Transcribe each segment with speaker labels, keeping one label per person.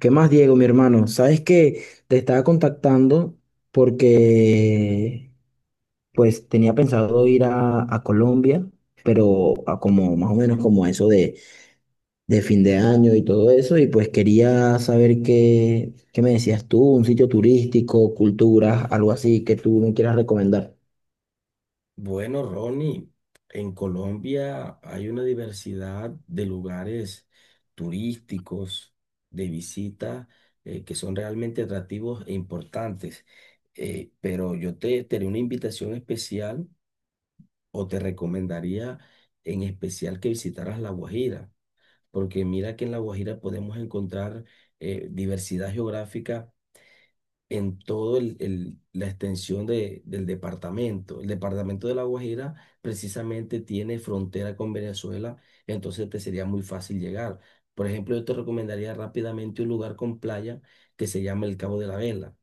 Speaker 1: ¿Qué más, Diego, mi hermano? Sabes que te estaba contactando porque pues tenía pensado ir a Colombia, pero a como más o menos como eso de fin de año y todo eso, y pues quería saber qué me decías tú, un sitio turístico, culturas, algo así que tú me quieras recomendar.
Speaker 2: Bueno, Ronnie, en Colombia hay una diversidad de lugares turísticos, de visita, que son realmente atractivos e importantes. Pero yo te haré una invitación especial o te recomendaría en especial que visitaras La Guajira, porque mira que en La Guajira podemos encontrar diversidad geográfica en la extensión del departamento. El departamento de La Guajira precisamente tiene frontera con Venezuela, entonces te sería muy fácil llegar. Por ejemplo, yo te recomendaría rápidamente un lugar con playa que se llama el Cabo de la Vela.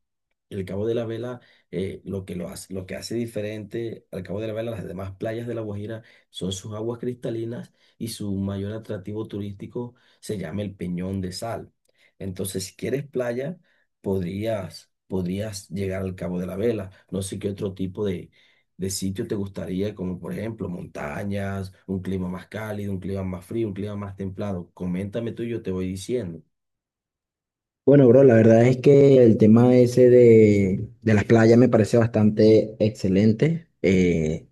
Speaker 2: El Cabo de la Vela, lo que lo hace, lo que hace diferente al Cabo de la Vela, las demás playas de La Guajira, son sus aguas cristalinas y su mayor atractivo turístico se llama el Peñón de Sal. Entonces, si quieres playa, podrías llegar al Cabo de la Vela. No sé qué otro tipo de sitio te gustaría, como por ejemplo montañas, un clima más cálido, un clima más frío, un clima más templado. Coméntame tú y yo te voy diciendo.
Speaker 1: Bueno, bro, la verdad es que el tema ese de las playas me parece bastante excelente.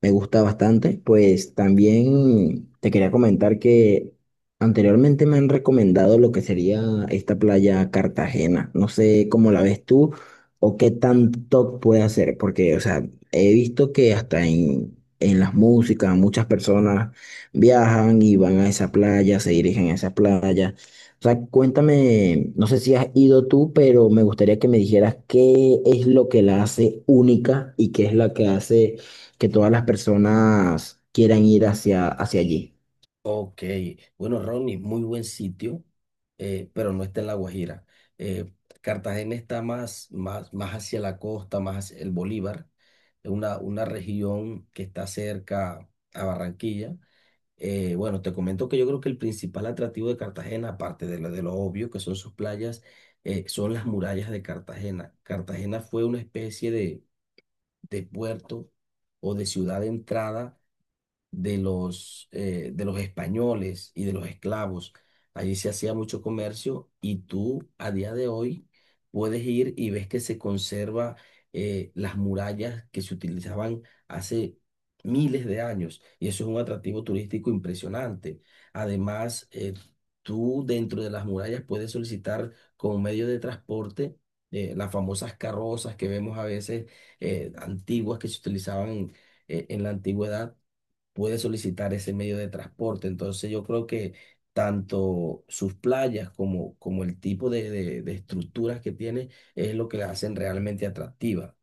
Speaker 1: Me gusta bastante. Pues también te quería comentar que anteriormente me han recomendado lo que sería esta playa Cartagena. No sé cómo la ves tú o qué tanto puede hacer, porque, o sea, he visto que hasta en las músicas muchas personas viajan y van a esa playa, se dirigen a esa playa. O sea, cuéntame, no sé si has ido tú, pero me gustaría que me dijeras qué es lo que la hace única y qué es la que hace que todas las personas quieran ir hacia allí.
Speaker 2: Ok, bueno, Ronnie, muy buen sitio, pero no está en La Guajira. Eh, Cartagena está más, más, más hacia la costa, más hacia el Bolívar, es una región que está cerca a Barranquilla. Bueno, te comento que yo creo que el principal atractivo de Cartagena, aparte de lo obvio que son sus playas, son las murallas de Cartagena. Cartagena fue una especie de puerto o de ciudad de entrada de los españoles y de los esclavos. Allí se hacía mucho comercio y tú a día de hoy puedes ir y ves que se conserva las murallas que se utilizaban hace miles de años y eso es un atractivo turístico impresionante. Además, tú dentro de las murallas puedes solicitar como medio de transporte las famosas carrozas que vemos a veces antiguas que se utilizaban en la antigüedad, puede solicitar ese medio de transporte. Entonces yo creo que tanto sus playas como, como el tipo de, de estructuras que tiene es lo que la hacen realmente atractiva.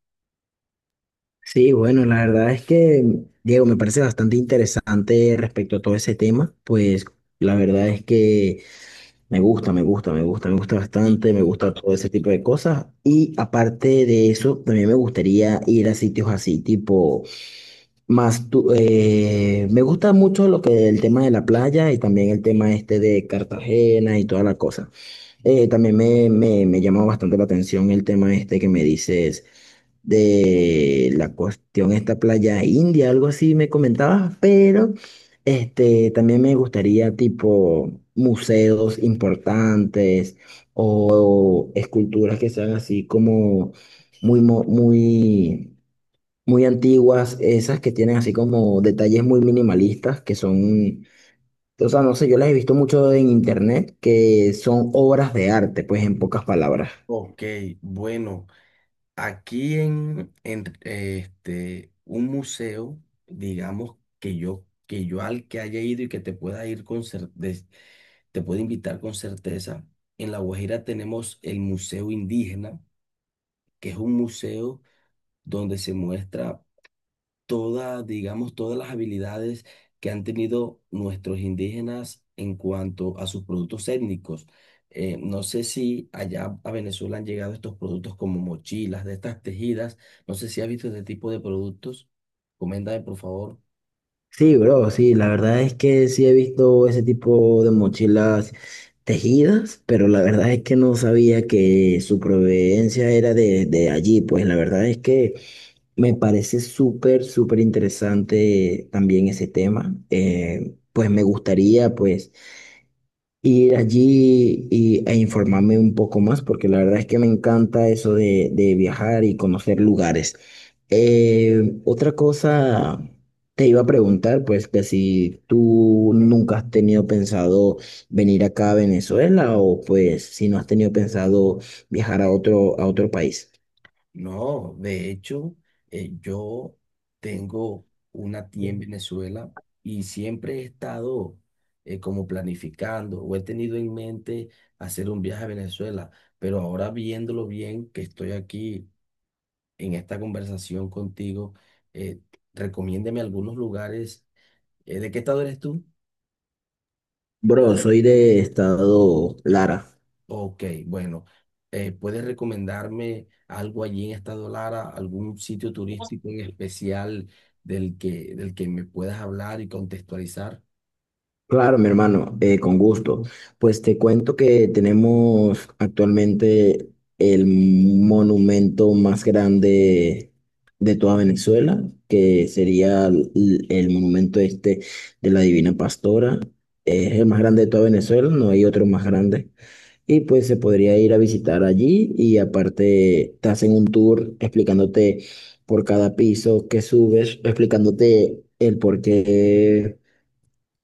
Speaker 1: Sí, bueno, la verdad es que, Diego, me parece bastante interesante respecto a todo ese tema, pues la verdad es que me gusta
Speaker 2: Sí,
Speaker 1: bastante, me
Speaker 2: sí.
Speaker 1: gusta todo ese tipo de cosas. Y aparte de eso, también me gustaría ir a sitios así, tipo, más, me gusta mucho lo que el tema de la playa y también el tema este de Cartagena y toda la cosa. También me llama bastante la atención el tema este que me dices de la cuestión esta playa india, algo así me comentabas, pero este, también me gustaría tipo museos importantes o esculturas que sean así como muy, muy antiguas, esas que tienen así como detalles muy minimalistas, que son o sea, no sé, yo las he visto mucho en internet que son obras de arte, pues en pocas palabras.
Speaker 2: Ok, bueno, aquí un museo, digamos que yo al que haya ido y que te pueda ir con cer- des- te puedo invitar con certeza. En La Guajira tenemos el Museo Indígena, que es un museo donde se muestra todas, digamos, todas las habilidades que han tenido nuestros indígenas en cuanto a sus productos étnicos. No sé si allá a Venezuela han llegado estos productos como mochilas, de estas tejidas. No sé si has visto este tipo de productos. Coméntame, por favor.
Speaker 1: Sí, bro, sí, la verdad es que sí he visto ese tipo de mochilas tejidas, pero la verdad es que no sabía que su proveniencia era de allí, pues la verdad es que me parece súper interesante también ese tema. Pues me gustaría, pues ir allí y, e informarme un poco más, porque la verdad es que me encanta eso de viajar y conocer lugares. Otra cosa te iba a preguntar, pues que si tú nunca has tenido pensado venir acá a Venezuela o pues si no has tenido pensado viajar a a otro país.
Speaker 2: No, de hecho, yo tengo una tía en Venezuela y siempre he estado como planificando o he tenido en mente hacer un viaje a Venezuela, pero ahora viéndolo bien, que estoy aquí en esta conversación contigo, eh, recomiéndeme algunos lugares. ¿De qué estado eres tú?
Speaker 1: Bro, soy de estado Lara.
Speaker 2: Ok, bueno, ¿puedes recomendarme algo allí en Estado Lara, algún sitio turístico en especial del que me puedas hablar y contextualizar?
Speaker 1: Claro, mi hermano, con gusto. Pues te cuento que tenemos actualmente el monumento más grande de toda Venezuela, que sería el monumento este de la Divina Pastora. Es el más grande de toda Venezuela, no hay otro más grande. Y pues se podría ir a visitar allí y aparte te hacen un tour explicándote por cada piso que subes, explicándote el por qué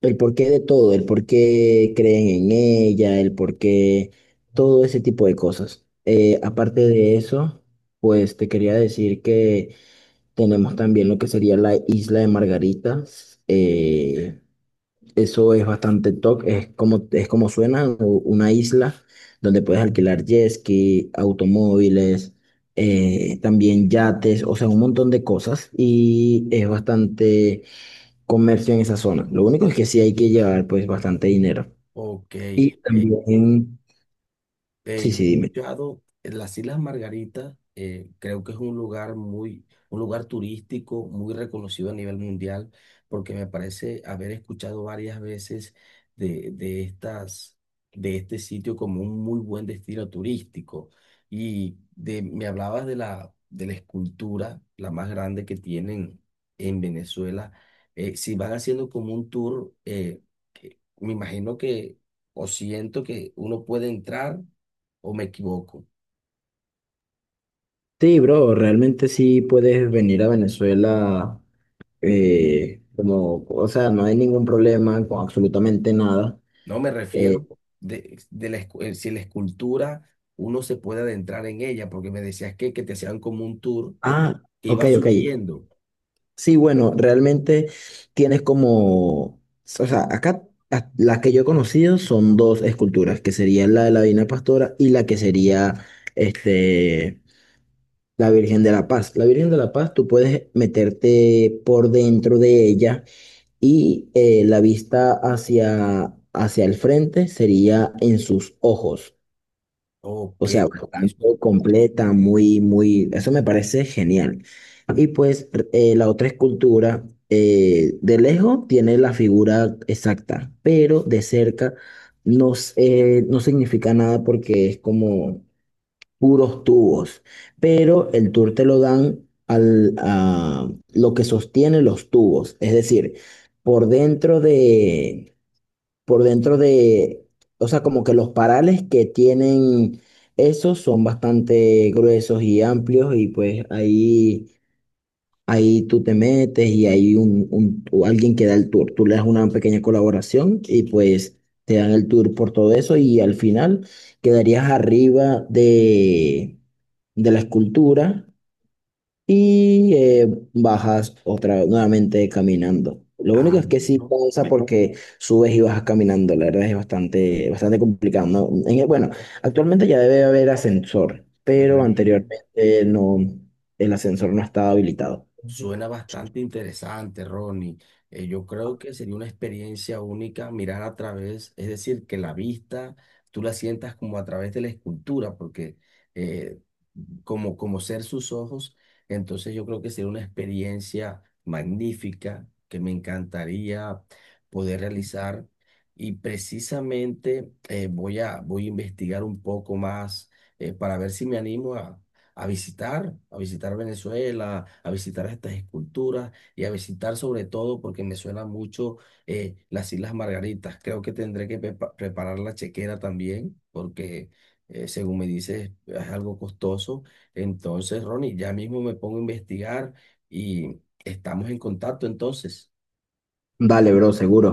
Speaker 1: el porqué de todo, el por qué creen en ella, todo ese tipo de cosas. Aparte de eso, pues te quería decir que tenemos también lo que sería la isla de Margaritas. Eso es bastante top, es como suena, una isla donde puedes alquilar jet ski, automóviles, también yates, o sea, un montón de cosas y es bastante comercio en esa zona. Lo único es que sí hay que llevar pues bastante dinero.
Speaker 2: Ok,
Speaker 1: Y también, sí,
Speaker 2: Yo he
Speaker 1: sí, dime.
Speaker 2: escuchado en las Islas Margaritas, creo que es un lugar muy, un lugar turístico muy reconocido a nivel mundial, porque me parece haber escuchado varias veces de estas, de este sitio como un muy buen destino turístico. Y de, me hablabas de la escultura, la más grande que tienen en Venezuela. Si van haciendo como un tour, que me imagino que, o siento que uno puede entrar o me equivoco.
Speaker 1: Sí, bro, realmente sí puedes venir a Venezuela como, o sea, no hay ningún problema con absolutamente nada.
Speaker 2: No me
Speaker 1: Eh,
Speaker 2: refiero de la, si la escultura uno se puede adentrar en ella, porque me decías que te hacían como un tour
Speaker 1: ah,
Speaker 2: que
Speaker 1: ok,
Speaker 2: iba
Speaker 1: ok.
Speaker 2: subiendo.
Speaker 1: Sí, bueno, realmente tienes como, o sea, acá las que yo he conocido son dos esculturas, que sería la de la Divina Pastora y la que sería, este, La Virgen de la Paz. La Virgen de la Paz, tú puedes meterte por dentro de ella y la vista hacia el frente sería en sus ojos. O
Speaker 2: Ok,
Speaker 1: sea, bastante
Speaker 2: eso,
Speaker 1: completa, muy, eso me parece genial. Y pues la otra escultura, de lejos tiene la figura exacta, pero de cerca no significa nada porque es como puros tubos, pero el tour te lo dan al, a lo que sostiene los tubos, es decir, por dentro de, por dentro de, o sea, como que los parales que tienen esos son bastante gruesos y amplios y pues ahí ahí tú te metes y hay o alguien que da el tour. Tú le das una pequeña colaboración y pues te dan el tour por todo eso y al final quedarías arriba de la escultura y bajas otra nuevamente caminando. Lo único
Speaker 2: ah,
Speaker 1: es que sí
Speaker 2: bueno,
Speaker 1: cansa porque subes y bajas caminando. La verdad es bastante complicado, ¿no? En- e, bueno, actualmente ya debe haber ascensor, pero anteriormente no, el ascensor no estaba habilitado.
Speaker 2: suena bastante interesante, Ronnie. Yo creo que sería una experiencia única mirar a través, es decir, que la vista tú la sientas como a través de la escultura, porque eh, como, como ser sus ojos, entonces yo creo que sería una experiencia magnífica que me encantaría poder realizar. Y precisamente voy a investigar un poco más para ver si me animo a visitar Venezuela, a visitar estas esculturas y a visitar sobre todo, porque me suena mucho las Islas Margaritas. Creo que tendré que preparar la chequera también, porque según me dices es algo costoso. Entonces, Ronnie, ya mismo me pongo a investigar y estamos en contacto entonces.
Speaker 1: Dale, bro, seguro.